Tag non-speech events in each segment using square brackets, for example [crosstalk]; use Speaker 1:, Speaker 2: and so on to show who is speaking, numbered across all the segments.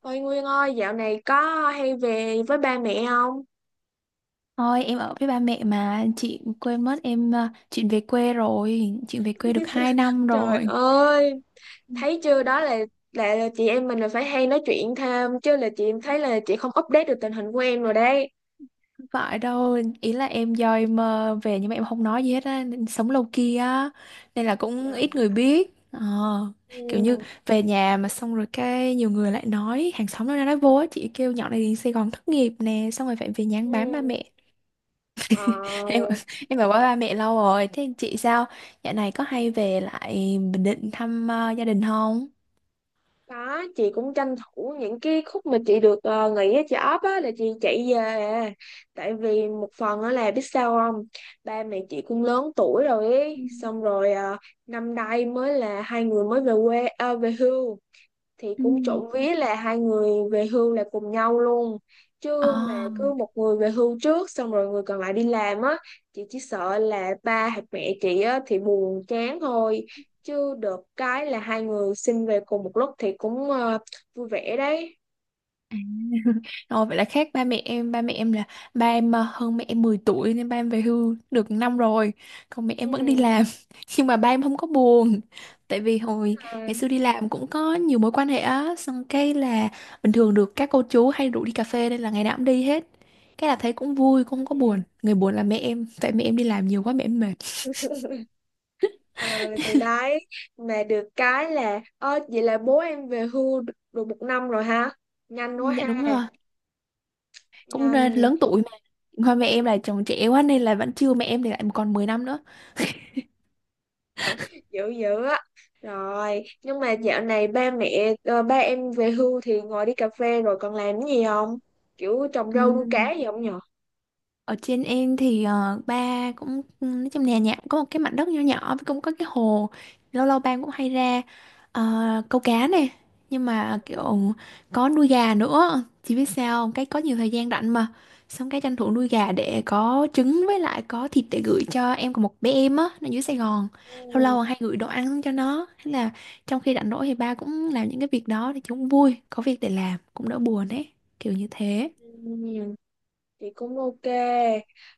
Speaker 1: Ôi Nguyên ơi, dạo này có hay về với ba mẹ không?
Speaker 2: Thôi em ở với ba mẹ mà chị quên mất em à, chuyện về quê rồi chuyện về quê được 2
Speaker 1: [laughs]
Speaker 2: năm
Speaker 1: Trời
Speaker 2: rồi.
Speaker 1: ơi, thấy chưa, đó là là chị em mình là phải hay nói chuyện thêm chứ, là chị em thấy là chị không update được tình hình của em rồi đấy.
Speaker 2: Không phải đâu ý là em do em à, về nhưng mà em không nói gì hết á nên sống lâu kia á nên là cũng ít
Speaker 1: Dạ.
Speaker 2: người biết. Ờ, kiểu như
Speaker 1: Ừ.
Speaker 2: về nhà mà xong rồi cái nhiều người lại nói, hàng xóm nó nói vô á, chị kêu nhỏ này đi Sài Gòn thất nghiệp nè xong rồi phải về nhà ăn bám ba
Speaker 1: Ừ.
Speaker 2: mẹ.
Speaker 1: Ờ.
Speaker 2: [laughs] em em ở với ba mẹ lâu rồi, thế chị sao, dạo này có hay về lại Bình Định thăm gia đình không?
Speaker 1: Có, chị cũng tranh thủ những cái khúc mà chị được nghỉ ở chợ ấp á là chị chạy về à. Tại vì một phần á là biết sao không? Ba mẹ chị cũng lớn tuổi rồi ấy. Xong rồi năm nay mới là hai người mới về quê, về hưu, thì
Speaker 2: Ừ.
Speaker 1: cũng trộm vía là hai người về hưu là cùng nhau luôn,
Speaker 2: Ờ.
Speaker 1: chứ mà
Speaker 2: À.
Speaker 1: cứ một người về hưu trước xong rồi người còn lại đi làm á, chị chỉ sợ là ba hoặc mẹ chị á thì buồn chán thôi, chứ được cái là hai người xin về cùng một lúc thì cũng vui vẻ đấy.
Speaker 2: [laughs] Rồi vậy là khác ba mẹ em là ba em hơn mẹ em 10 tuổi nên ba em về hưu được năm rồi, còn mẹ em vẫn đi
Speaker 1: Ừ.
Speaker 2: làm. [laughs] Nhưng mà ba em không có buồn. Tại vì hồi
Speaker 1: À,
Speaker 2: ngày xưa đi làm cũng có nhiều mối quan hệ á, xong cái là bình thường được các cô chú hay rủ đi cà phê nên là ngày nào cũng đi hết. Cái là thấy cũng vui, cũng không có
Speaker 1: ừ.
Speaker 2: buồn. Người buồn là mẹ em, tại mẹ em đi làm nhiều quá mẹ em mệt.
Speaker 1: Ờ, thì đấy, mà được cái là, ơ vậy là bố em về hưu được được một năm rồi ha, nhanh
Speaker 2: Ừ,
Speaker 1: quá
Speaker 2: dạ đúng
Speaker 1: ha.
Speaker 2: rồi, cũng
Speaker 1: Nhanh.
Speaker 2: lớn tuổi mà. Hoa mẹ em là chồng trẻ quá nên là vẫn chưa, mẹ em thì lại còn 10 năm nữa.
Speaker 1: Ờ, dữ dữ á. Rồi nhưng mà dạo này ba mẹ, ba em về hưu thì ngồi đi cà phê rồi còn làm cái gì không, kiểu trồng rau nuôi
Speaker 2: Ừm,
Speaker 1: cá gì không nhở?
Speaker 2: Ở trên em thì ba cũng nói trong nhà, cũng có một cái mảnh đất nhỏ nhỏ với cũng có cái hồ, lâu lâu ba cũng hay ra ờ, câu cá nè, nhưng mà kiểu có nuôi gà nữa, chỉ biết sao không? Cái có nhiều thời gian rảnh mà, xong cái tranh thủ nuôi gà để có trứng với lại có thịt để gửi cho em, của một bé em á nó dưới Sài Gòn, lâu
Speaker 1: Ừ.
Speaker 2: lâu hay gửi đồ ăn cho nó. Thế là trong khi rảnh rỗi thì ba cũng làm những cái việc đó thì chúng vui, có việc để làm cũng đỡ buồn ấy, kiểu như thế.
Speaker 1: Ừ, chị cũng ok.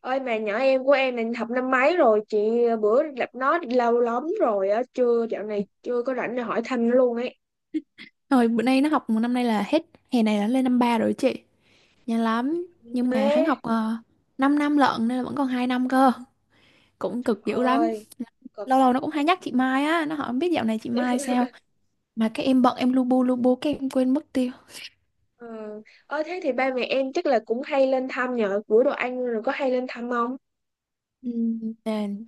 Speaker 1: Ơi, mà nhỏ em của em là học năm mấy rồi chị? Ờ, Bữa gặp nó lâu lắm rồi á, chưa, dạo này chưa có rảnh để hỏi thăm nó luôn ấy.
Speaker 2: Rồi bữa nay nó học một năm, nay là hết hè này là lên năm ba rồi chị. Nhanh lắm. Nhưng mà hắn
Speaker 1: Thế.
Speaker 2: học 5 năm lận nên là vẫn còn 2 năm cơ. Cũng cực dữ lắm.
Speaker 1: Ơi, cực.
Speaker 2: Lâu lâu nó cũng hay nhắc chị Mai á, nó hỏi "Không biết dạo này chị
Speaker 1: Ờ.
Speaker 2: Mai sao",
Speaker 1: [laughs]
Speaker 2: mà cái em bận, em lu bu cái em quên mất tiêu.
Speaker 1: Ơ, thế thì ba mẹ em chắc là cũng hay lên thăm nhờ, bữa đồ ăn rồi có hay lên thăm không?
Speaker 2: Ừ,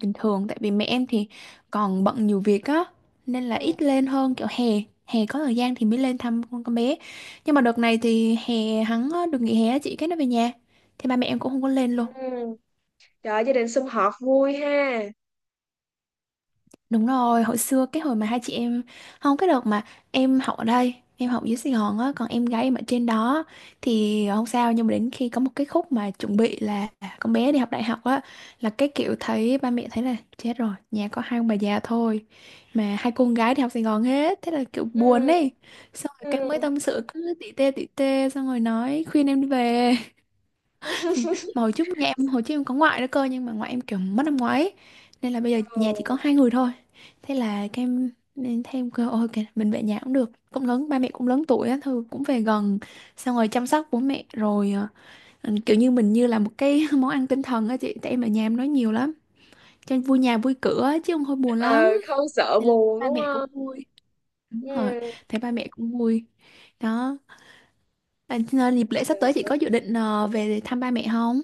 Speaker 2: bình thường tại vì mẹ em thì còn bận nhiều việc á nên là ít lên hơn, kiểu hè, hè có thời gian thì mới lên thăm con bé, nhưng mà đợt này thì hè hắn được nghỉ hè á chị, cái nó về nhà thì ba mẹ em cũng không có lên luôn.
Speaker 1: Ừ. Trời, gia đình sum họp vui ha.
Speaker 2: Đúng rồi, hồi xưa cái hồi mà hai chị em, không, cái đợt mà em học ở đây, em học dưới Sài Gòn á, còn em gái em ở trên đó thì không sao, nhưng mà đến khi có một cái khúc mà chuẩn bị là con bé đi học đại học á, là cái kiểu thấy ba mẹ thấy là chết rồi, nhà có hai ông bà già thôi mà hai cô con gái đi học Sài Gòn hết, thế là kiểu buồn
Speaker 1: Ừ.
Speaker 2: ấy. Xong rồi
Speaker 1: Ừ.
Speaker 2: cái mới tâm sự cứ tỉ tê xong rồi nói khuyên em đi về. Mà hồi
Speaker 1: [laughs]
Speaker 2: trước nhà em, hồi trước em có ngoại nữa cơ, nhưng mà ngoại em kiểu mất năm ngoái ấy, nên là bây giờ
Speaker 1: Ờ.
Speaker 2: nhà chỉ có hai người thôi, thế là các em nên thêm cơ, ôi kìa, mình về nhà cũng được, cũng lớn, ba mẹ cũng lớn tuổi á, thôi cũng về gần, xong rồi chăm sóc bố mẹ rồi ừ, kiểu như mình như là một cái [laughs] món ăn tinh thần á chị, tại em ở nhà em nói nhiều lắm cho nên vui nhà vui cửa á, chứ không thôi buồn lắm,
Speaker 1: Ờ, không sợ
Speaker 2: nên là
Speaker 1: buồn
Speaker 2: ba
Speaker 1: đúng
Speaker 2: mẹ cũng
Speaker 1: không?
Speaker 2: vui, đúng rồi, thấy ba mẹ cũng vui đó. À, dịp lễ sắp tới chị
Speaker 1: Ừ.
Speaker 2: có dự định về thăm ba mẹ không?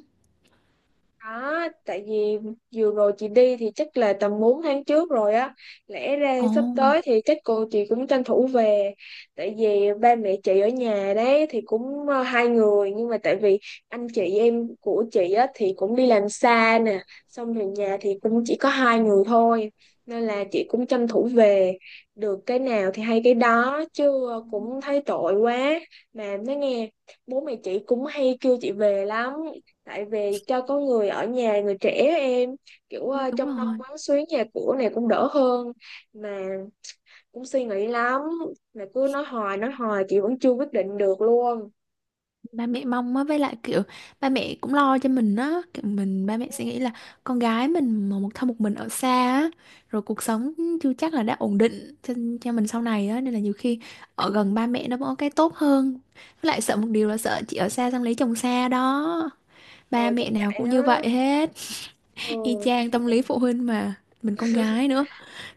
Speaker 1: Đó, tại vì vừa rồi chị đi thì chắc là tầm 4 tháng trước rồi á. Lẽ ra
Speaker 2: Ồ,
Speaker 1: sắp tới thì chắc cô chị cũng tranh thủ về. Tại vì ba mẹ chị ở nhà đấy thì cũng hai người. Nhưng mà tại vì anh chị em của chị á thì cũng đi làm xa nè. Xong rồi nhà thì cũng chỉ có hai người thôi. Nên là chị cũng tranh thủ về. Được cái nào thì hay cái đó. Chứ ờ, cũng thấy tội quá. Mà nói nghe, bố mẹ chị cũng hay kêu chị về lắm, tại vì cho có người ở nhà, người trẻ, em, kiểu
Speaker 2: đúng
Speaker 1: trông nom
Speaker 2: rồi.
Speaker 1: quán xuyến nhà cửa này cũng đỡ hơn, mà cũng suy nghĩ lắm, mà cứ nói hoài chị vẫn chưa quyết định được luôn.
Speaker 2: Ba mẹ mong á, với lại kiểu ba mẹ cũng lo cho mình á, kiểu mình, ba mẹ
Speaker 1: Ừ.
Speaker 2: sẽ nghĩ là con gái mình mà một thân một mình ở xa á, rồi cuộc sống chưa chắc là đã ổn định cho mình sau này á, nên là nhiều khi ở gần ba mẹ nó cũng có cái tốt hơn. Với lại sợ một điều là sợ chị ở xa xong lấy chồng xa đó, ba
Speaker 1: Ờ, chắc
Speaker 2: mẹ nào
Speaker 1: vậy
Speaker 2: cũng như
Speaker 1: đó.
Speaker 2: vậy hết. Y
Speaker 1: Ừ.
Speaker 2: chang tâm lý phụ huynh mà, mình con gái nữa,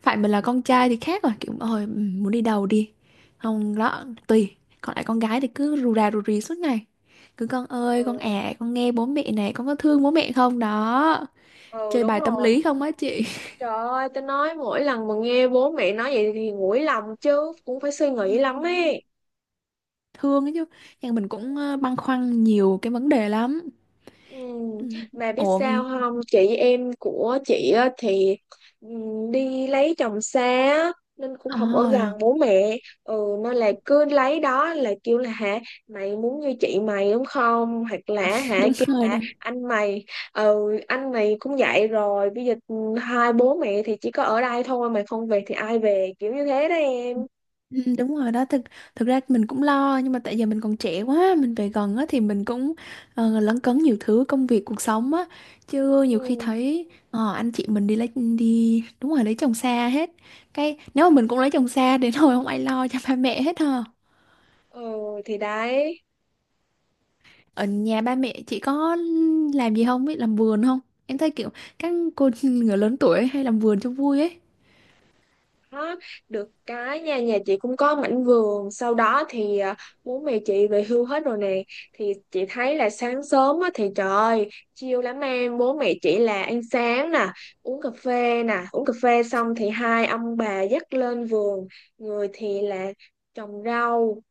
Speaker 2: phải mình là con trai thì khác rồi, kiểu ôi ừ, muốn đi đầu đi, không đó tùy, còn lại con gái thì cứ rù rà rù rì suốt ngày, cứ con ơi con
Speaker 1: Ừ.
Speaker 2: à con nghe bố mẹ này, con có thương bố mẹ không đó,
Speaker 1: Ừ
Speaker 2: chơi
Speaker 1: đúng
Speaker 2: bài tâm
Speaker 1: rồi.
Speaker 2: lý không á chị. [laughs]
Speaker 1: Trời ơi, tao nói mỗi lần mà nghe bố mẹ nói vậy thì nguội lòng, chứ cũng phải suy
Speaker 2: Ừ,
Speaker 1: nghĩ lắm ấy.
Speaker 2: thương ấy chứ, nhưng mình cũng băn khoăn nhiều cái vấn đề lắm.
Speaker 1: Ừ,
Speaker 2: Ừ.
Speaker 1: mà biết
Speaker 2: Ủa.
Speaker 1: sao không, chị em của chị á thì ừ, đi lấy chồng xa á, nên cũng không ở gần
Speaker 2: À,
Speaker 1: bố mẹ. Ừ. Nên là cứ lấy đó là kêu là, hả, mày muốn như chị mày đúng không, hoặc là hả
Speaker 2: đúng
Speaker 1: kêu
Speaker 2: rồi đó.
Speaker 1: là anh mày. Ừ. Anh mày cũng vậy rồi, bây giờ ừ, hai bố mẹ thì chỉ có ở đây thôi, mày không về thì ai về, kiểu như thế đó em.
Speaker 2: Ừ, đúng rồi đó. Thực thực ra mình cũng lo, nhưng mà tại giờ mình còn trẻ quá mình về gần á thì mình cũng lấn cấn nhiều thứ công việc cuộc sống á, chứ
Speaker 1: Ừ.
Speaker 2: nhiều khi thấy anh chị mình đi lấy, đi, đúng rồi, lấy chồng xa hết, cái nếu mà mình cũng lấy chồng xa đến hồi [laughs] không ai lo cho ba mẹ hết ha.
Speaker 1: Ừ, thì đấy.
Speaker 2: Ở nhà ba mẹ chị có làm gì không, biết làm vườn không? Em thấy kiểu các cô [laughs] người lớn tuổi hay làm vườn cho vui ấy.
Speaker 1: Đó, được cái nha, nhà chị cũng có mảnh vườn sau đó thì à, bố mẹ chị về hưu hết rồi nè, thì chị thấy là sáng sớm á, thì trời ơi chill lắm em, bố mẹ chị là ăn sáng nè, uống cà phê nè, uống cà phê xong thì hai ông bà dắt lên vườn, người thì là trồng rau.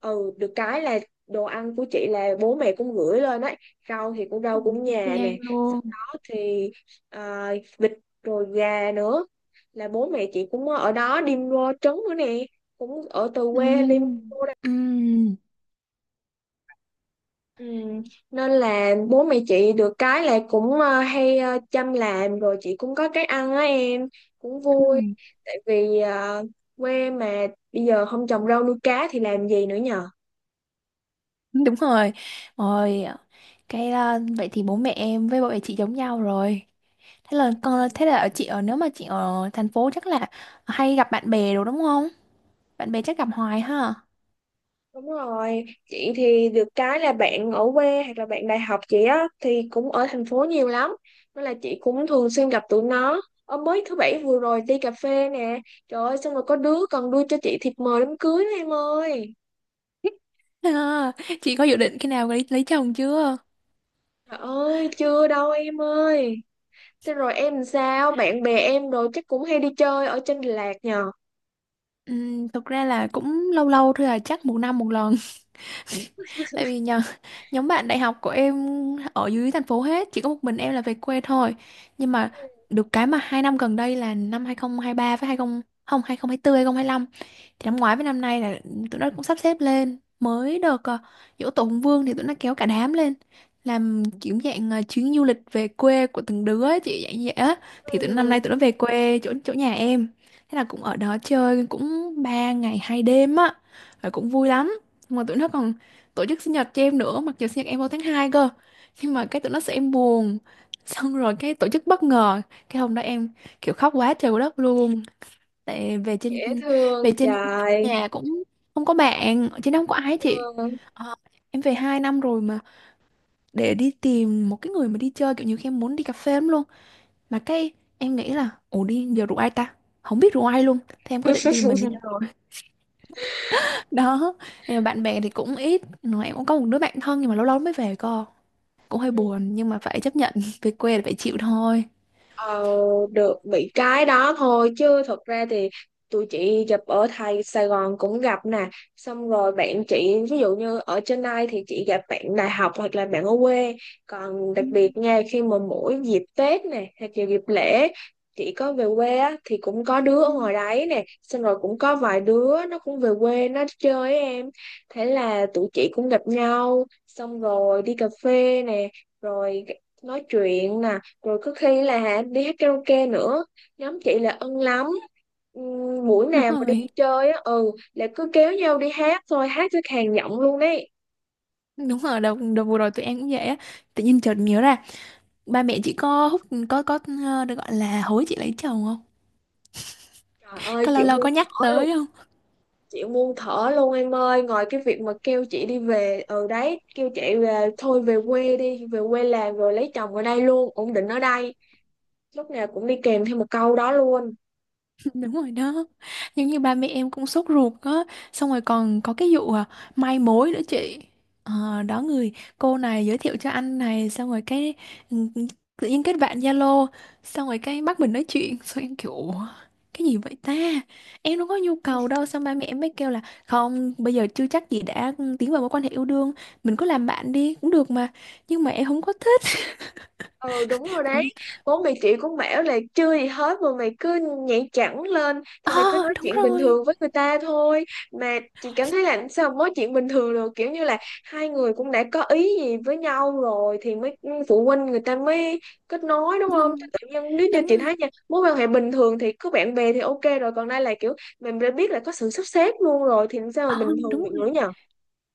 Speaker 1: Ừ, được cái là đồ ăn của chị là bố mẹ cũng gửi lên ấy, rau thì cũng
Speaker 2: Ừ,
Speaker 1: rau cũng
Speaker 2: y
Speaker 1: nhà
Speaker 2: chang
Speaker 1: nè, sau
Speaker 2: luôn.
Speaker 1: đó thì à, vịt rồi gà nữa, là bố mẹ chị cũng ở đó đi mua trấn nữa nè, cũng ở từ quê đi.
Speaker 2: Ừ. Ừ.
Speaker 1: Ừ. Nên là bố mẹ chị được cái là cũng hay chăm làm, rồi chị cũng có cái ăn á em, cũng
Speaker 2: Ừ.
Speaker 1: vui, tại vì quê mà, bây giờ không trồng rau nuôi cá thì làm gì nữa nhờ.
Speaker 2: Đúng rồi. Rồi cái à, vậy thì bố mẹ em với bố mẹ chị giống nhau rồi. Thế là con, thế là ở, chị ở, nếu mà chị ở thành phố chắc là hay gặp bạn bè đồ đúng không? Bạn bè chắc gặp hoài ha. [laughs]
Speaker 1: Đúng rồi, chị thì được cái là bạn ở quê hoặc là bạn đại học chị á thì cũng ở thành phố nhiều lắm. Nên là chị cũng thường xuyên gặp tụi nó. Ở mới thứ bảy vừa rồi đi cà phê nè. Trời ơi, xong rồi có đứa còn đưa cho chị thiệp mời đám cưới đó em ơi.
Speaker 2: À, chị có dự định khi nào lấy chồng chưa?
Speaker 1: Trời ơi, chưa đâu em ơi. Thế rồi em làm sao? Bạn bè em rồi chắc cũng hay đi chơi ở trên Đà Lạt nhờ.
Speaker 2: Thực ra là cũng lâu lâu thôi à, chắc một năm một lần. [laughs] Tại vì nhờ, [laughs] nhóm bạn đại học của em ở dưới thành phố hết, chỉ có một mình em là về quê thôi. Nhưng mà được cái mà hai năm gần đây là năm 2023 với 20 không 2024 lăm, thì năm ngoái với năm nay là tụi nó cũng sắp xếp lên mới được giỗ tổ Hùng Vương thì tụi nó kéo cả đám lên, làm kiểu dạng chuyến du lịch về quê của từng đứa ấy, chị, dạng như vậy á. Thì tụi nó, năm
Speaker 1: Ừ,
Speaker 2: nay tụi nó về quê chỗ, nhà em, thế là cũng ở đó chơi cũng ba ngày hai đêm á, rồi cũng vui lắm. Nhưng mà tụi nó còn tổ chức sinh nhật cho em nữa, mặc dù sinh nhật em vào tháng 2 cơ, nhưng mà cái tụi nó sợ em buồn [laughs] xong rồi cái tổ chức bất ngờ, cái hôm đó em kiểu khóc quá trời quá đất luôn, tại về trên,
Speaker 1: dễ thương
Speaker 2: về
Speaker 1: vậy
Speaker 2: trên
Speaker 1: trời.
Speaker 2: nhà cũng không có bạn, chứ không có ai hết chị.
Speaker 1: Ừ.
Speaker 2: Ờ, em về hai năm rồi mà để đi tìm một cái người mà đi chơi, kiểu như khi em muốn đi cà phê lắm luôn, mà cái em nghĩ là ủa đi giờ rủ ai ta, không biết rủ ai luôn, thế em cứ định tìm mình đi chơi
Speaker 1: [laughs]
Speaker 2: rồi. [laughs] Đó, nhưng mà bạn bè thì cũng ít, mà em cũng có một đứa bạn thân nhưng mà lâu lâu mới về cơ, cũng hơi buồn, nhưng mà phải chấp nhận [laughs] về quê là phải chịu thôi.
Speaker 1: Ờ, được bị cái đó thôi, chứ thật ra thì tụi chị gặp ở thầy Sài Gòn cũng gặp nè, xong rồi bạn chị ví dụ như ở trên đây thì chị gặp bạn đại học hoặc là bạn ở quê, còn đặc
Speaker 2: Ừ.
Speaker 1: biệt nha, khi mà mỗi dịp Tết nè hoặc là dịp lễ chị có về quê á, thì cũng có đứa ở
Speaker 2: Ừ.
Speaker 1: ngoài đấy nè, xong rồi cũng có vài đứa nó cũng về quê nó chơi với em, thế là tụi chị cũng gặp nhau, xong rồi đi cà phê nè, rồi nói chuyện nè, rồi có khi là đi hát karaoke nữa, nhóm chị là ân lắm. Buổi
Speaker 2: Đúng
Speaker 1: nào mà đi
Speaker 2: rồi.
Speaker 1: chơi á ừ là cứ kéo nhau đi hát thôi, hát tới khàn giọng luôn đấy.
Speaker 2: [laughs] Đúng rồi đợt, đợt vừa rồi tụi em cũng vậy á, tự nhiên chợt nhớ ra, ba mẹ chị có hút, có ờ, được gọi là hối chị lấy chồng không,
Speaker 1: Trời ơi,
Speaker 2: có lâu
Speaker 1: chị
Speaker 2: lâu
Speaker 1: muốn
Speaker 2: có nhắc
Speaker 1: thở luôn.
Speaker 2: tới không?
Speaker 1: Chị muốn thở luôn em ơi, ngoài cái việc mà kêu chị đi về, ừ đấy, kêu chị về thôi, về quê đi, về quê làm rồi lấy chồng ở đây luôn, ổn định ở đây, lúc nào cũng đi kèm theo một câu đó luôn.
Speaker 2: [laughs] Đúng rồi đó, giống như ba mẹ em cũng sốt ruột á, xong rồi còn có cái vụ à, mai mối nữa chị. Ờ, đó, người cô này giới thiệu cho anh này xong rồi cái ừ, tự nhiên kết bạn Zalo, xong rồi cái bắt mình nói chuyện, [laughs] xong em kiểu "Ủa, cái gì vậy ta, em đâu có nhu
Speaker 1: Ừ.
Speaker 2: cầu đâu", xong ba mẹ em mới kêu là không, bây giờ chưa chắc gì đã tiến vào mối quan hệ yêu đương, mình cứ làm bạn đi cũng được mà, nhưng mà em không có thích.
Speaker 1: Ừ đúng rồi đấy.
Speaker 2: Ừ.
Speaker 1: Bố mày chị cũng bảo là chưa gì hết mà mày cứ nhảy cẳng lên, thì mày cứ
Speaker 2: Ờ,
Speaker 1: nói
Speaker 2: đúng
Speaker 1: chuyện bình
Speaker 2: rồi.
Speaker 1: thường với người ta thôi. Mà chị cảm thấy là sao mà nói chuyện bình thường được, kiểu như là hai người cũng đã có ý gì với nhau rồi thì mới ừ, phụ huynh người ta mới kết nối đúng
Speaker 2: Ừ,
Speaker 1: không? Chứ tự nhiên, nếu như
Speaker 2: đúng
Speaker 1: chị
Speaker 2: rồi.
Speaker 1: thấy nha, mối quan hệ bình thường thì có bạn bè thì ok rồi, còn đây là kiểu mình đã biết là có sự sắp xếp luôn rồi, thì làm sao mà
Speaker 2: Ờ,
Speaker 1: bình
Speaker 2: đúng
Speaker 1: thường được nữa
Speaker 2: rồi.
Speaker 1: nhờ.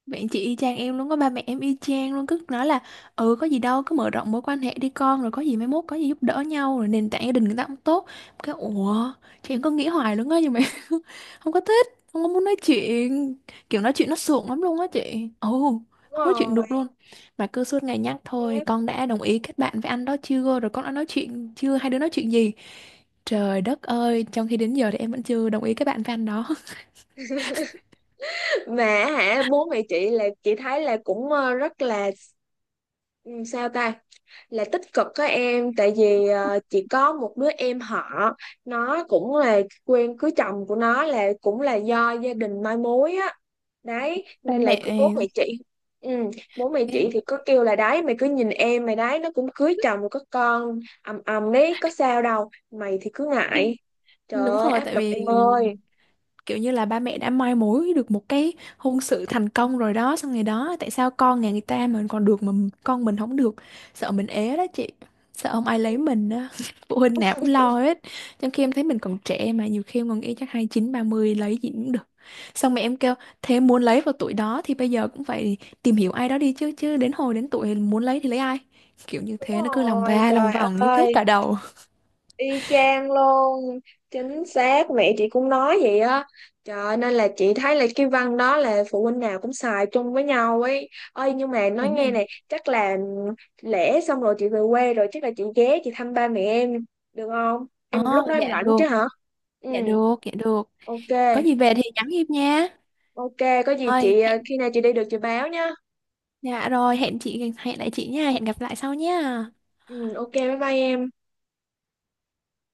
Speaker 2: Bạn chị y chang em luôn, có ba mẹ em y chang luôn cứ nói là ừ có gì đâu, cứ mở rộng mối quan hệ đi con, rồi có gì mai mốt có gì giúp đỡ nhau, rồi nền tảng gia đình người ta cũng tốt, cái ủa, chị em có nghĩ hoài luôn á, nhưng mà [laughs] không có thích, không có muốn nói chuyện, kiểu nói chuyện nó sượng lắm luôn á chị, ừ,
Speaker 1: Đúng
Speaker 2: không nói chuyện
Speaker 1: rồi,
Speaker 2: được luôn, mà cứ suốt ngày nhắc thôi, con đã đồng ý kết bạn với anh đó chưa, rồi con đã nói chuyện chưa, hai đứa nói chuyện gì, trời đất ơi, trong khi đến giờ thì em vẫn chưa đồng ý kết bạn với anh đó. [laughs]
Speaker 1: mà hả, bố mẹ chị là chị thấy là cũng ờ, rất là ừ, sao ta, là tích cực có em, tại vì ờ, chỉ có một đứa em họ nó cũng là quen cưới chồng của nó là cũng là do gia đình mai mối á, đấy
Speaker 2: Ba
Speaker 1: nên là cứ bố
Speaker 2: mẹ
Speaker 1: mẹ chị, ừ, bố mẹ chị
Speaker 2: em
Speaker 1: thì có kêu là đấy, mày cứ nhìn em mày đấy, nó cũng cưới chồng có con ầm ầm đấy, có sao đâu, mày thì cứ ngại. Trời
Speaker 2: đúng
Speaker 1: ơi,
Speaker 2: rồi,
Speaker 1: áp
Speaker 2: tại
Speaker 1: lực
Speaker 2: vì
Speaker 1: em ơi.
Speaker 2: kiểu như là ba mẹ đã mai mối được một cái hôn sự thành công rồi đó, xong ngày đó tại sao con nhà người ta mình còn được mà con mình không được, sợ mình ế đó chị, sợ không ai
Speaker 1: Ừ,
Speaker 2: lấy mình đó, [laughs] phụ huynh nào cũng lo hết, trong khi em thấy mình còn trẻ, mà nhiều khi em còn nghĩ chắc hai chín ba 30 lấy gì cũng được, xong mẹ em kêu thế muốn lấy vào tuổi đó thì bây giờ cũng phải tìm hiểu ai đó đi chứ, chứ đến hồi đến tuổi muốn lấy thì lấy ai, kiểu như
Speaker 1: đúng
Speaker 2: thế nó cứ lòng
Speaker 1: rồi,
Speaker 2: va lòng
Speaker 1: trời
Speaker 2: vòng như kết
Speaker 1: ơi.
Speaker 2: cả đầu,
Speaker 1: Y chang luôn, chính xác, mẹ chị cũng nói vậy á. Trời ơi, nên là chị thấy là cái văn đó là phụ huynh nào cũng xài chung với nhau ấy. Ơi nhưng mà nói
Speaker 2: vấn đề,
Speaker 1: nghe này, chắc là lễ xong rồi chị về quê rồi, chắc là chị ghé chị thăm ba mẹ em, được không?
Speaker 2: ờ
Speaker 1: Em lúc đó em
Speaker 2: dạ
Speaker 1: rảnh
Speaker 2: được,
Speaker 1: chứ hả? Ừ,
Speaker 2: dạ được. Có gì
Speaker 1: ok.
Speaker 2: về thì nhắn Hiệp nha.
Speaker 1: Ok, có gì
Speaker 2: Rồi,
Speaker 1: chị
Speaker 2: hẹn,
Speaker 1: khi nào chị đi được chị báo nhá.
Speaker 2: dạ rồi, hẹn chị, hẹn lại chị nha, hẹn gặp lại sau nha.
Speaker 1: Ừ, ok, bye bye em.